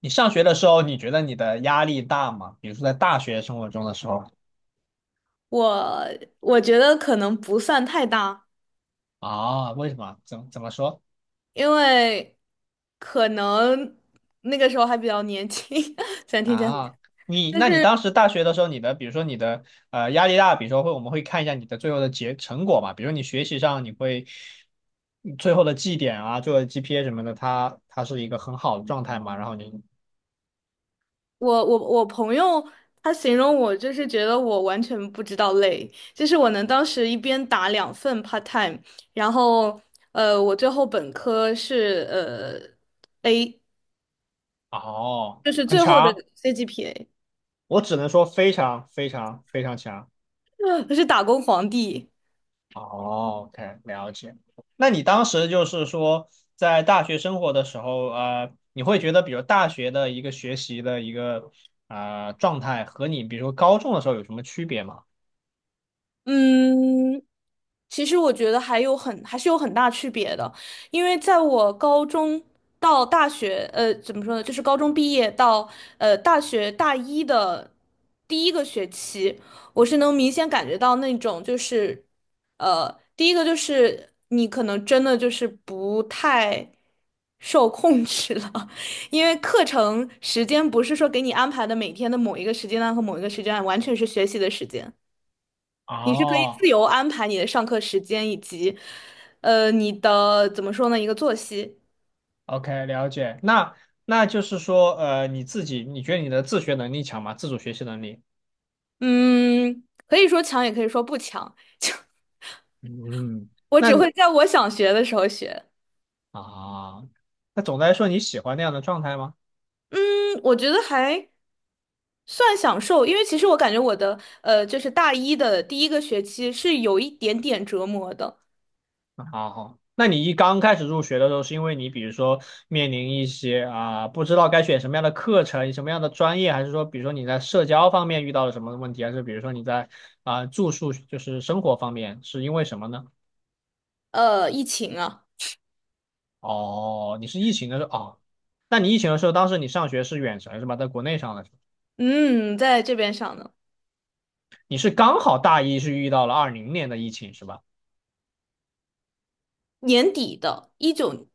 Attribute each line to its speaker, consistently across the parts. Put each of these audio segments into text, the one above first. Speaker 1: 你上学的时候，你觉得你的压力大吗？比如说在大学生活中的时候。
Speaker 2: 我我觉得可能不算太大，
Speaker 1: 啊，为什么？怎么说
Speaker 2: 因为可能那个时候还比较年轻，虽然听起来很，
Speaker 1: 啊？你
Speaker 2: 就
Speaker 1: 那你
Speaker 2: 是
Speaker 1: 当时大学的时候，你的比如说你的压力大，比如说我们会看一下你的最后的结成果嘛，比如你学习上你最后的绩点啊，最后的 GPA 什么的，它是一个很好的状态嘛，然后你。
Speaker 2: 我朋友他形容我就是觉得我完全不知道累，就是我能当时一边打两份 part time，然后我最后本科是A，
Speaker 1: 哦，
Speaker 2: 就是
Speaker 1: 很
Speaker 2: 最后的
Speaker 1: 强，
Speaker 2: CGPA，
Speaker 1: 我只能说非常非常非常强。
Speaker 2: 我是打工皇帝，
Speaker 1: 哦，OK，了解。那你当时就是说，在大学生活的时候，你会觉得，比如大学的一个学习的一个状态，和你比如说高中的时候有什么区别吗？
Speaker 2: 嗯。其实我觉得还是有很大区别的，因为在我高中到大学，怎么说呢，就是高中毕业到大学大一的第一个学期，我是能明显感觉到那种就是，第一个就是你可能真的就是不太受控制了，因为课程时间不是说给你安排的每天的某一个时间段和某一个时间段，完全是学习的时间。你是可以自
Speaker 1: 哦
Speaker 2: 由安排你的上课时间以及，你的怎么说呢，一个作息。
Speaker 1: ，OK，了解。那就是说，你自己，你觉得你的自学能力强吗？自主学习能力？
Speaker 2: 嗯，可以说强，也可以说不强。
Speaker 1: 嗯。
Speaker 2: 我只
Speaker 1: 那
Speaker 2: 会在我想学的时候学。
Speaker 1: 啊，那总的来说，你喜欢那样的状态吗？
Speaker 2: 嗯，我觉得还算享受，因为其实我感觉我的就是大一的第一个学期是有一点点折磨的。
Speaker 1: 好好，那你一刚开始入学的时候，是因为你比如说面临一些不知道该选什么样的课程、什么样的专业，还是说比如说你在社交方面遇到了什么问题，还是比如说你在住宿就是生活方面是因为什么呢？
Speaker 2: 疫情啊，
Speaker 1: 哦，你是疫情的时候哦，那你疫情的时候，当时你上学是远程是吧？在国内上的时候，
Speaker 2: 嗯，在这边上的，
Speaker 1: 你是刚好大一是遇到了二零年的疫情是吧？
Speaker 2: 年底的，一九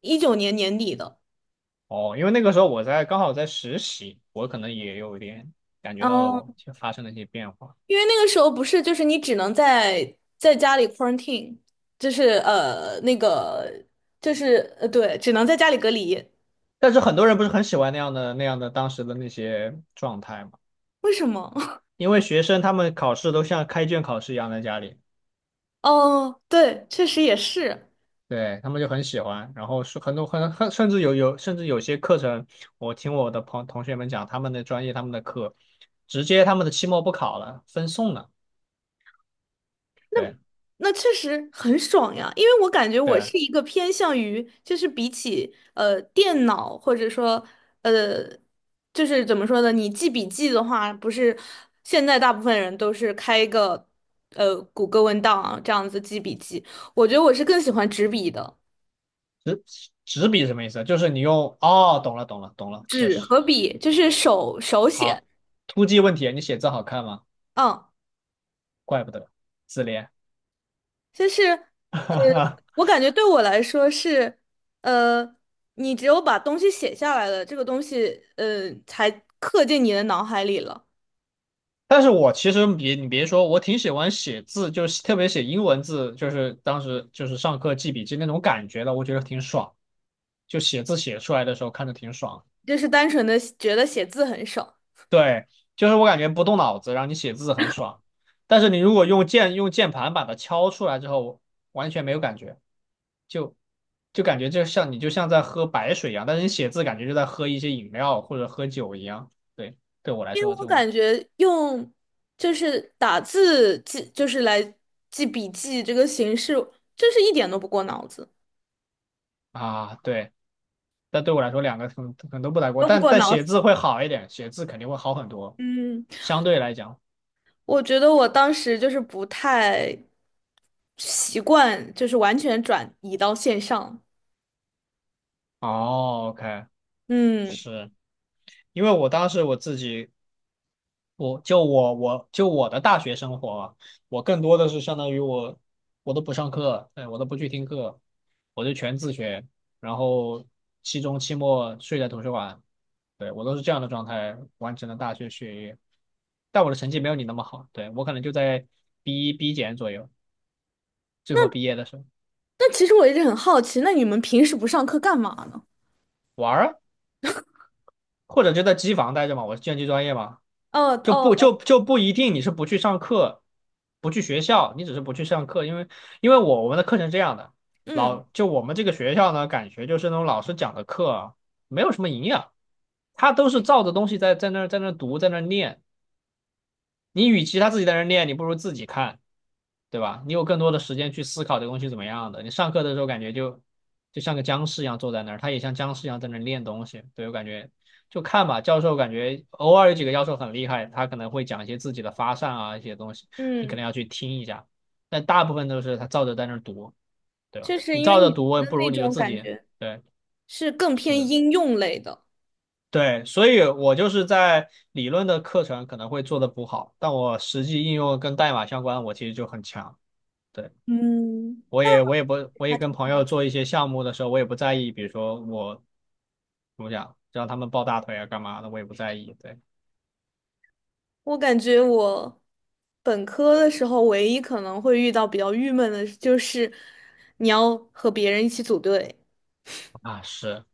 Speaker 2: 一九年年底的。
Speaker 1: 哦，因为那个时候我刚好在实习，我可能也有一点感觉到了我
Speaker 2: 嗯。
Speaker 1: 发生了一些变化。
Speaker 2: 因为那个时候不是，就是你只能在家里 quarantine，就是那个就是对，只能在家里隔离。
Speaker 1: 但是很多人不是很喜欢那样的当时的那些状态嘛，
Speaker 2: 为什么？
Speaker 1: 因为学生他们考试都像开卷考试一样在家里，
Speaker 2: 哦，对，确实也是，
Speaker 1: 对，他们就很喜欢。然后是很多甚至有甚至有些课程，我听我的同学们讲，他们的专业他们的课，直接他们的期末不考了，分送了。对。
Speaker 2: 那确实很爽呀。因为我感觉我
Speaker 1: 对，
Speaker 2: 是一个偏向于，就是比起电脑或者说呃，就是怎么说呢，你记笔记的话，不是现在大部分人都是开一个谷歌文档啊这样子记笔记，我觉得我是更喜欢纸笔的。
Speaker 1: 纸纸笔什么意思？就是你用。哦，懂了懂了懂了，确
Speaker 2: 纸
Speaker 1: 实
Speaker 2: 和笔，就是手写，
Speaker 1: 好。突击问题，你写字好看吗？
Speaker 2: 嗯，
Speaker 1: 怪不得自恋。
Speaker 2: 就是呃，我感觉对我来说是，呃，你只有把东西写下来了，这个东西才刻进你的脑海里了，
Speaker 1: 但是我其实别说，我挺喜欢写字，就是特别写英文字，就是当时就是上课记笔记那种感觉的，我觉得挺爽。就写字写出来的时候看着挺爽。
Speaker 2: 就是单纯的觉得写字很爽，
Speaker 1: 对，就是我感觉不动脑子，然后你写字很爽。但是你如果用键盘把它敲出来之后，完全没有感觉，就就感觉就像在喝白水一样，但是你写字感觉就在喝一些饮料或者喝酒一样。对，对我来
Speaker 2: 因为
Speaker 1: 说这
Speaker 2: 我
Speaker 1: 种。
Speaker 2: 感觉用就是打字记，就是来记笔记这个形式，就是一点都不过脑子，
Speaker 1: 啊，对。但对我来说，两个可能都不太过，
Speaker 2: 都不
Speaker 1: 但
Speaker 2: 过
Speaker 1: 但
Speaker 2: 脑
Speaker 1: 写
Speaker 2: 子，
Speaker 1: 字会好一点，写字肯定会好很多，
Speaker 2: 嗯。
Speaker 1: 相对来讲。
Speaker 2: 我觉得我当时就是不太习惯，就是完全转移到线上。
Speaker 1: 哦，OK，
Speaker 2: 嗯，
Speaker 1: 是因为我当时我自己，我的大学生活啊，我更多的是相当于我都不上课，对，我都不去听课，我就全自学，然后期中期末睡在图书馆，对，我都是这样的状态完成了大学学业，但我的成绩没有你那么好，对，我可能就在 B 一 B 减左右，最后毕业的时候。
Speaker 2: 但其实我一直很好奇，那你们平时不上课干嘛呢？
Speaker 1: 玩儿啊，或者就在机房待着嘛，我是计算机专业嘛，
Speaker 2: 哦
Speaker 1: 就不
Speaker 2: 哦哦，
Speaker 1: 就就不一定你是不去上课，不去学校，你只是不去上课，因为我们的课程是这样的，
Speaker 2: 嗯
Speaker 1: 我们这个学校呢，感觉就是那种老师讲的课啊，没有什么营养，他都是照着东西在那儿在那儿读在那儿念，你与其他自己在那儿念，你不如自己看。对吧？你有更多的时间去思考这个东西怎么样的。你上课的时候感觉就像个僵尸一样坐在那儿，他也像僵尸一样在那儿练东西。对，我感觉就看吧，教授感觉偶尔有几个教授很厉害，他可能会讲一些自己的发散啊一些东西，你可能
Speaker 2: 嗯，
Speaker 1: 要去听一下。但大部分都是他照着在那儿读，对吧？
Speaker 2: 就是
Speaker 1: 你
Speaker 2: 因为
Speaker 1: 照着
Speaker 2: 你
Speaker 1: 读，
Speaker 2: 的
Speaker 1: 不如
Speaker 2: 那
Speaker 1: 你就
Speaker 2: 种
Speaker 1: 自
Speaker 2: 感
Speaker 1: 己。
Speaker 2: 觉
Speaker 1: 对。
Speaker 2: 是更偏
Speaker 1: 是。
Speaker 2: 应用类的。
Speaker 1: 对，所以我就是在理论的课程可能会做的不好，但我实际应用跟代码相关，我其实就很强。对。
Speaker 2: 嗯，
Speaker 1: 我也我也不我也
Speaker 2: 还
Speaker 1: 跟
Speaker 2: 挺
Speaker 1: 朋
Speaker 2: 好
Speaker 1: 友
Speaker 2: 的。
Speaker 1: 做一些项目的时候，我也不在意，比如说我怎么讲，让他们抱大腿啊干嘛的，我也不在意。对
Speaker 2: 我感觉我本科的时候，唯一可能会遇到比较郁闷的，就是你要和别人一起组队。
Speaker 1: 啊，是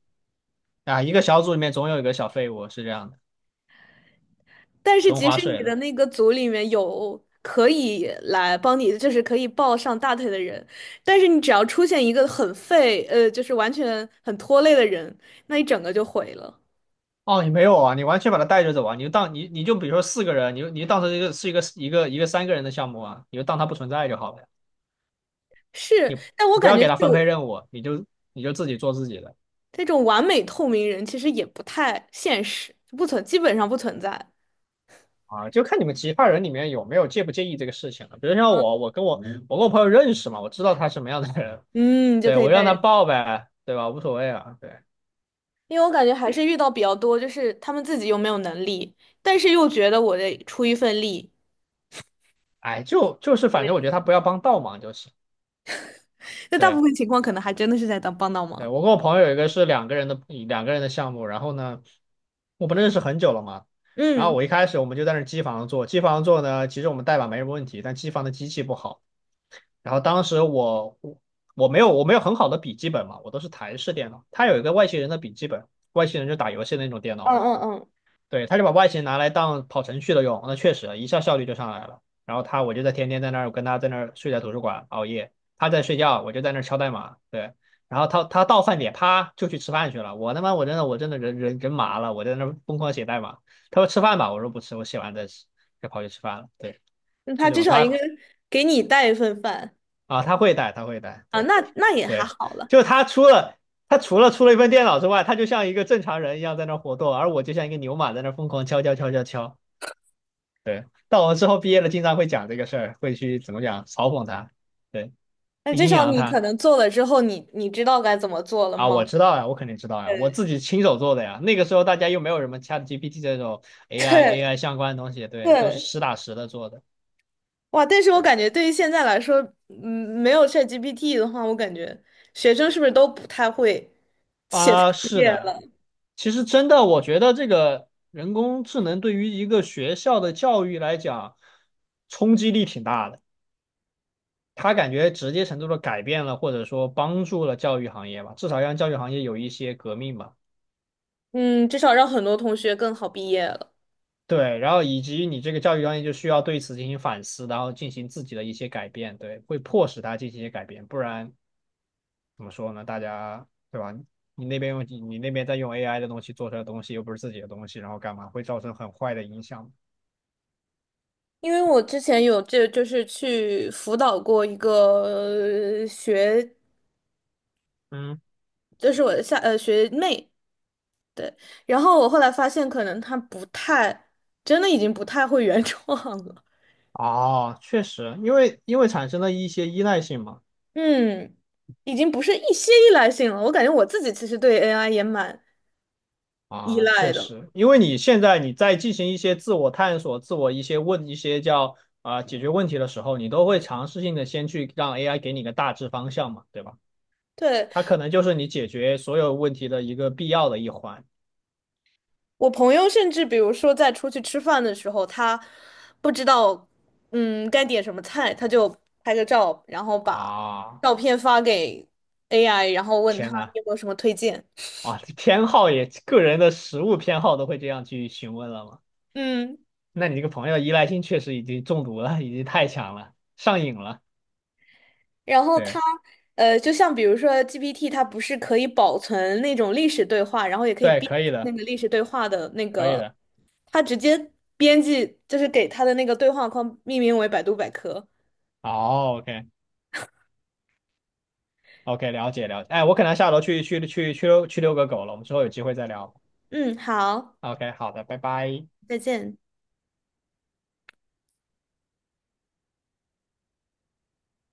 Speaker 1: 啊，一个小组里面总有一个小废物是这样的，
Speaker 2: 但是
Speaker 1: 纯
Speaker 2: 即
Speaker 1: 划
Speaker 2: 使你
Speaker 1: 水的。
Speaker 2: 的那个组里面有可以来帮你，就是可以抱上大腿的人，但是你只要出现一个很废，就是完全很拖累的人，那一整个就毁了。
Speaker 1: 哦，你没有啊，你完全把他带着走啊，你就当你比如说四个人，你就当成一个三个人的项目啊，你就当他不存在就好了呀，
Speaker 2: 是，但我
Speaker 1: 你不
Speaker 2: 感
Speaker 1: 要
Speaker 2: 觉
Speaker 1: 给
Speaker 2: 这
Speaker 1: 他分配
Speaker 2: 种
Speaker 1: 任务，你就你就自己做自己的。
Speaker 2: 这种完美透明人其实也不太现实，不存，基本上不存在。
Speaker 1: 啊，就看你们其他人里面有没有介不介意这个事情了。比如像我，我跟我嗯我跟我朋友认识嘛，我知道他什么样的人，
Speaker 2: 嗯，就
Speaker 1: 对，
Speaker 2: 可以
Speaker 1: 我
Speaker 2: 带
Speaker 1: 让他
Speaker 2: 人，
Speaker 1: 报呗，对吧？无所谓啊，对，
Speaker 2: 因为我感觉还是遇到比较多，就是他们自己又没有能力，但是又觉得我得出一份力，
Speaker 1: 哎，就是反正我觉得他不要帮倒忙就行。
Speaker 2: 那大部
Speaker 1: 对。
Speaker 2: 分情况可能还真的是在当帮倒
Speaker 1: 对，
Speaker 2: 忙。
Speaker 1: 我跟我朋友有一个是两个人的项目，然后呢，我们认识很久了嘛，然后
Speaker 2: 嗯。
Speaker 1: 我一开始我们就在那儿机房做，机房做呢，其实我们代码没什么问题，但机房的机器不好，然后当时我没有很好的笔记本嘛，我都是台式电脑，他有一个外星人的笔记本，外星人就打游戏的那种电脑
Speaker 2: 嗯
Speaker 1: 嘛。
Speaker 2: 嗯嗯，
Speaker 1: 对，他就把外形拿来当跑程序的用，那确实一下效率就上来了。然后他，我就在天天在那儿跟他在那儿睡在图书馆熬夜，他在睡觉，我就在那儿敲代码。对，然后他到饭点，啪就去吃饭去了。我他妈我真的人麻了，我在那儿疯狂写代码。他说吃饭吧，我说不吃，我写完再吃，就跑去吃饭了。对，
Speaker 2: 那
Speaker 1: 就
Speaker 2: 他
Speaker 1: 这
Speaker 2: 至
Speaker 1: 种
Speaker 2: 少
Speaker 1: 他。
Speaker 2: 应该给你带一份饭
Speaker 1: 啊，他会带，他会带，
Speaker 2: 啊，
Speaker 1: 对。
Speaker 2: 那也还
Speaker 1: 对，
Speaker 2: 好了。
Speaker 1: 就他除了。他除了出了一份电脑之外，他就像一个正常人一样在那活动，而我就像一个牛马在那疯狂敲敲敲敲敲。对，到我们之后毕业了，经常会讲这个事儿，会去怎么讲嘲讽他，对，
Speaker 2: 那至
Speaker 1: 阴
Speaker 2: 少
Speaker 1: 阳
Speaker 2: 你可
Speaker 1: 他。
Speaker 2: 能做了之后你知道该怎么做了
Speaker 1: 啊，
Speaker 2: 吗？
Speaker 1: 我知道呀，我肯定知道呀，我
Speaker 2: 对
Speaker 1: 自己亲手做的呀。那个时候大家又没有什么 ChatGPT 这种 AI
Speaker 2: 对
Speaker 1: AI 相关的东西，对，都是
Speaker 2: 对，
Speaker 1: 实打实的做的。
Speaker 2: 哇！但是我
Speaker 1: 对
Speaker 2: 感觉对于现在来说，嗯，没有 ChatGPT 的话，我感觉学生是不是都不太会写作
Speaker 1: 啊，是
Speaker 2: 业
Speaker 1: 的，
Speaker 2: 了？
Speaker 1: 其实真的，我觉得这个人工智能对于一个学校的教育来讲，冲击力挺大的。它感觉直接程度的改变了，或者说帮助了教育行业吧，至少让教育行业有一些革命吧。
Speaker 2: 嗯，至少让很多同学更好毕业了。
Speaker 1: 对，然后以及你这个教育专业就需要对此进行反思，然后进行自己的一些改变，对，会迫使他进行一些改变，不然怎么说呢？大家对吧？你那边在用 AI 的东西做出来的东西，又不是自己的东西，然后干嘛会造成很坏的影响？
Speaker 2: 因为我之前有这就是去辅导过一个
Speaker 1: 嗯，
Speaker 2: 就是我的下学妹，对，然后我后来发现，可能他不太，真的已经不太会原创了。
Speaker 1: 哦，确实，因为产生了一些依赖性嘛。
Speaker 2: 嗯，已经不是一些依赖性了。我感觉我自己其实对 AI 也蛮依
Speaker 1: 啊，
Speaker 2: 赖
Speaker 1: 确
Speaker 2: 的。
Speaker 1: 实，因为你现在你在进行一些自我探索、自我一些问一些叫啊、解决问题的时候，你都会尝试性的先去让 AI 给你个大致方向嘛，对吧？
Speaker 2: 对，
Speaker 1: 它可能就是你解决所有问题的一个必要的一环。
Speaker 2: 我朋友甚至比如说在出去吃饭的时候，他不知道该点什么菜，他就拍个照，然后把
Speaker 1: 啊，
Speaker 2: 照片发给 AI，然后问他
Speaker 1: 天呐，
Speaker 2: 你有没有什么推荐。
Speaker 1: 啊，偏好也，个人的食物偏好都会这样去询问了吗？
Speaker 2: 嗯。
Speaker 1: 那你这个朋友依赖性确实已经中毒了，已经太强了，上瘾了。
Speaker 2: 然后
Speaker 1: 对。
Speaker 2: 它，就像比如说 GPT，它不是可以保存那种历史对话，然后也可以
Speaker 1: 对，
Speaker 2: 编
Speaker 1: 可以
Speaker 2: 那
Speaker 1: 的，
Speaker 2: 个历史对话的那
Speaker 1: 可以
Speaker 2: 个，
Speaker 1: 的。
Speaker 2: 它直接编辑就是给它的那个对话框命名为百度百科。
Speaker 1: 哦，OK OK，了解了解。哎，我可能下楼去遛个狗了，我们之后有机会再聊。
Speaker 2: 嗯，好，
Speaker 1: OK，好的，拜拜。
Speaker 2: 再见。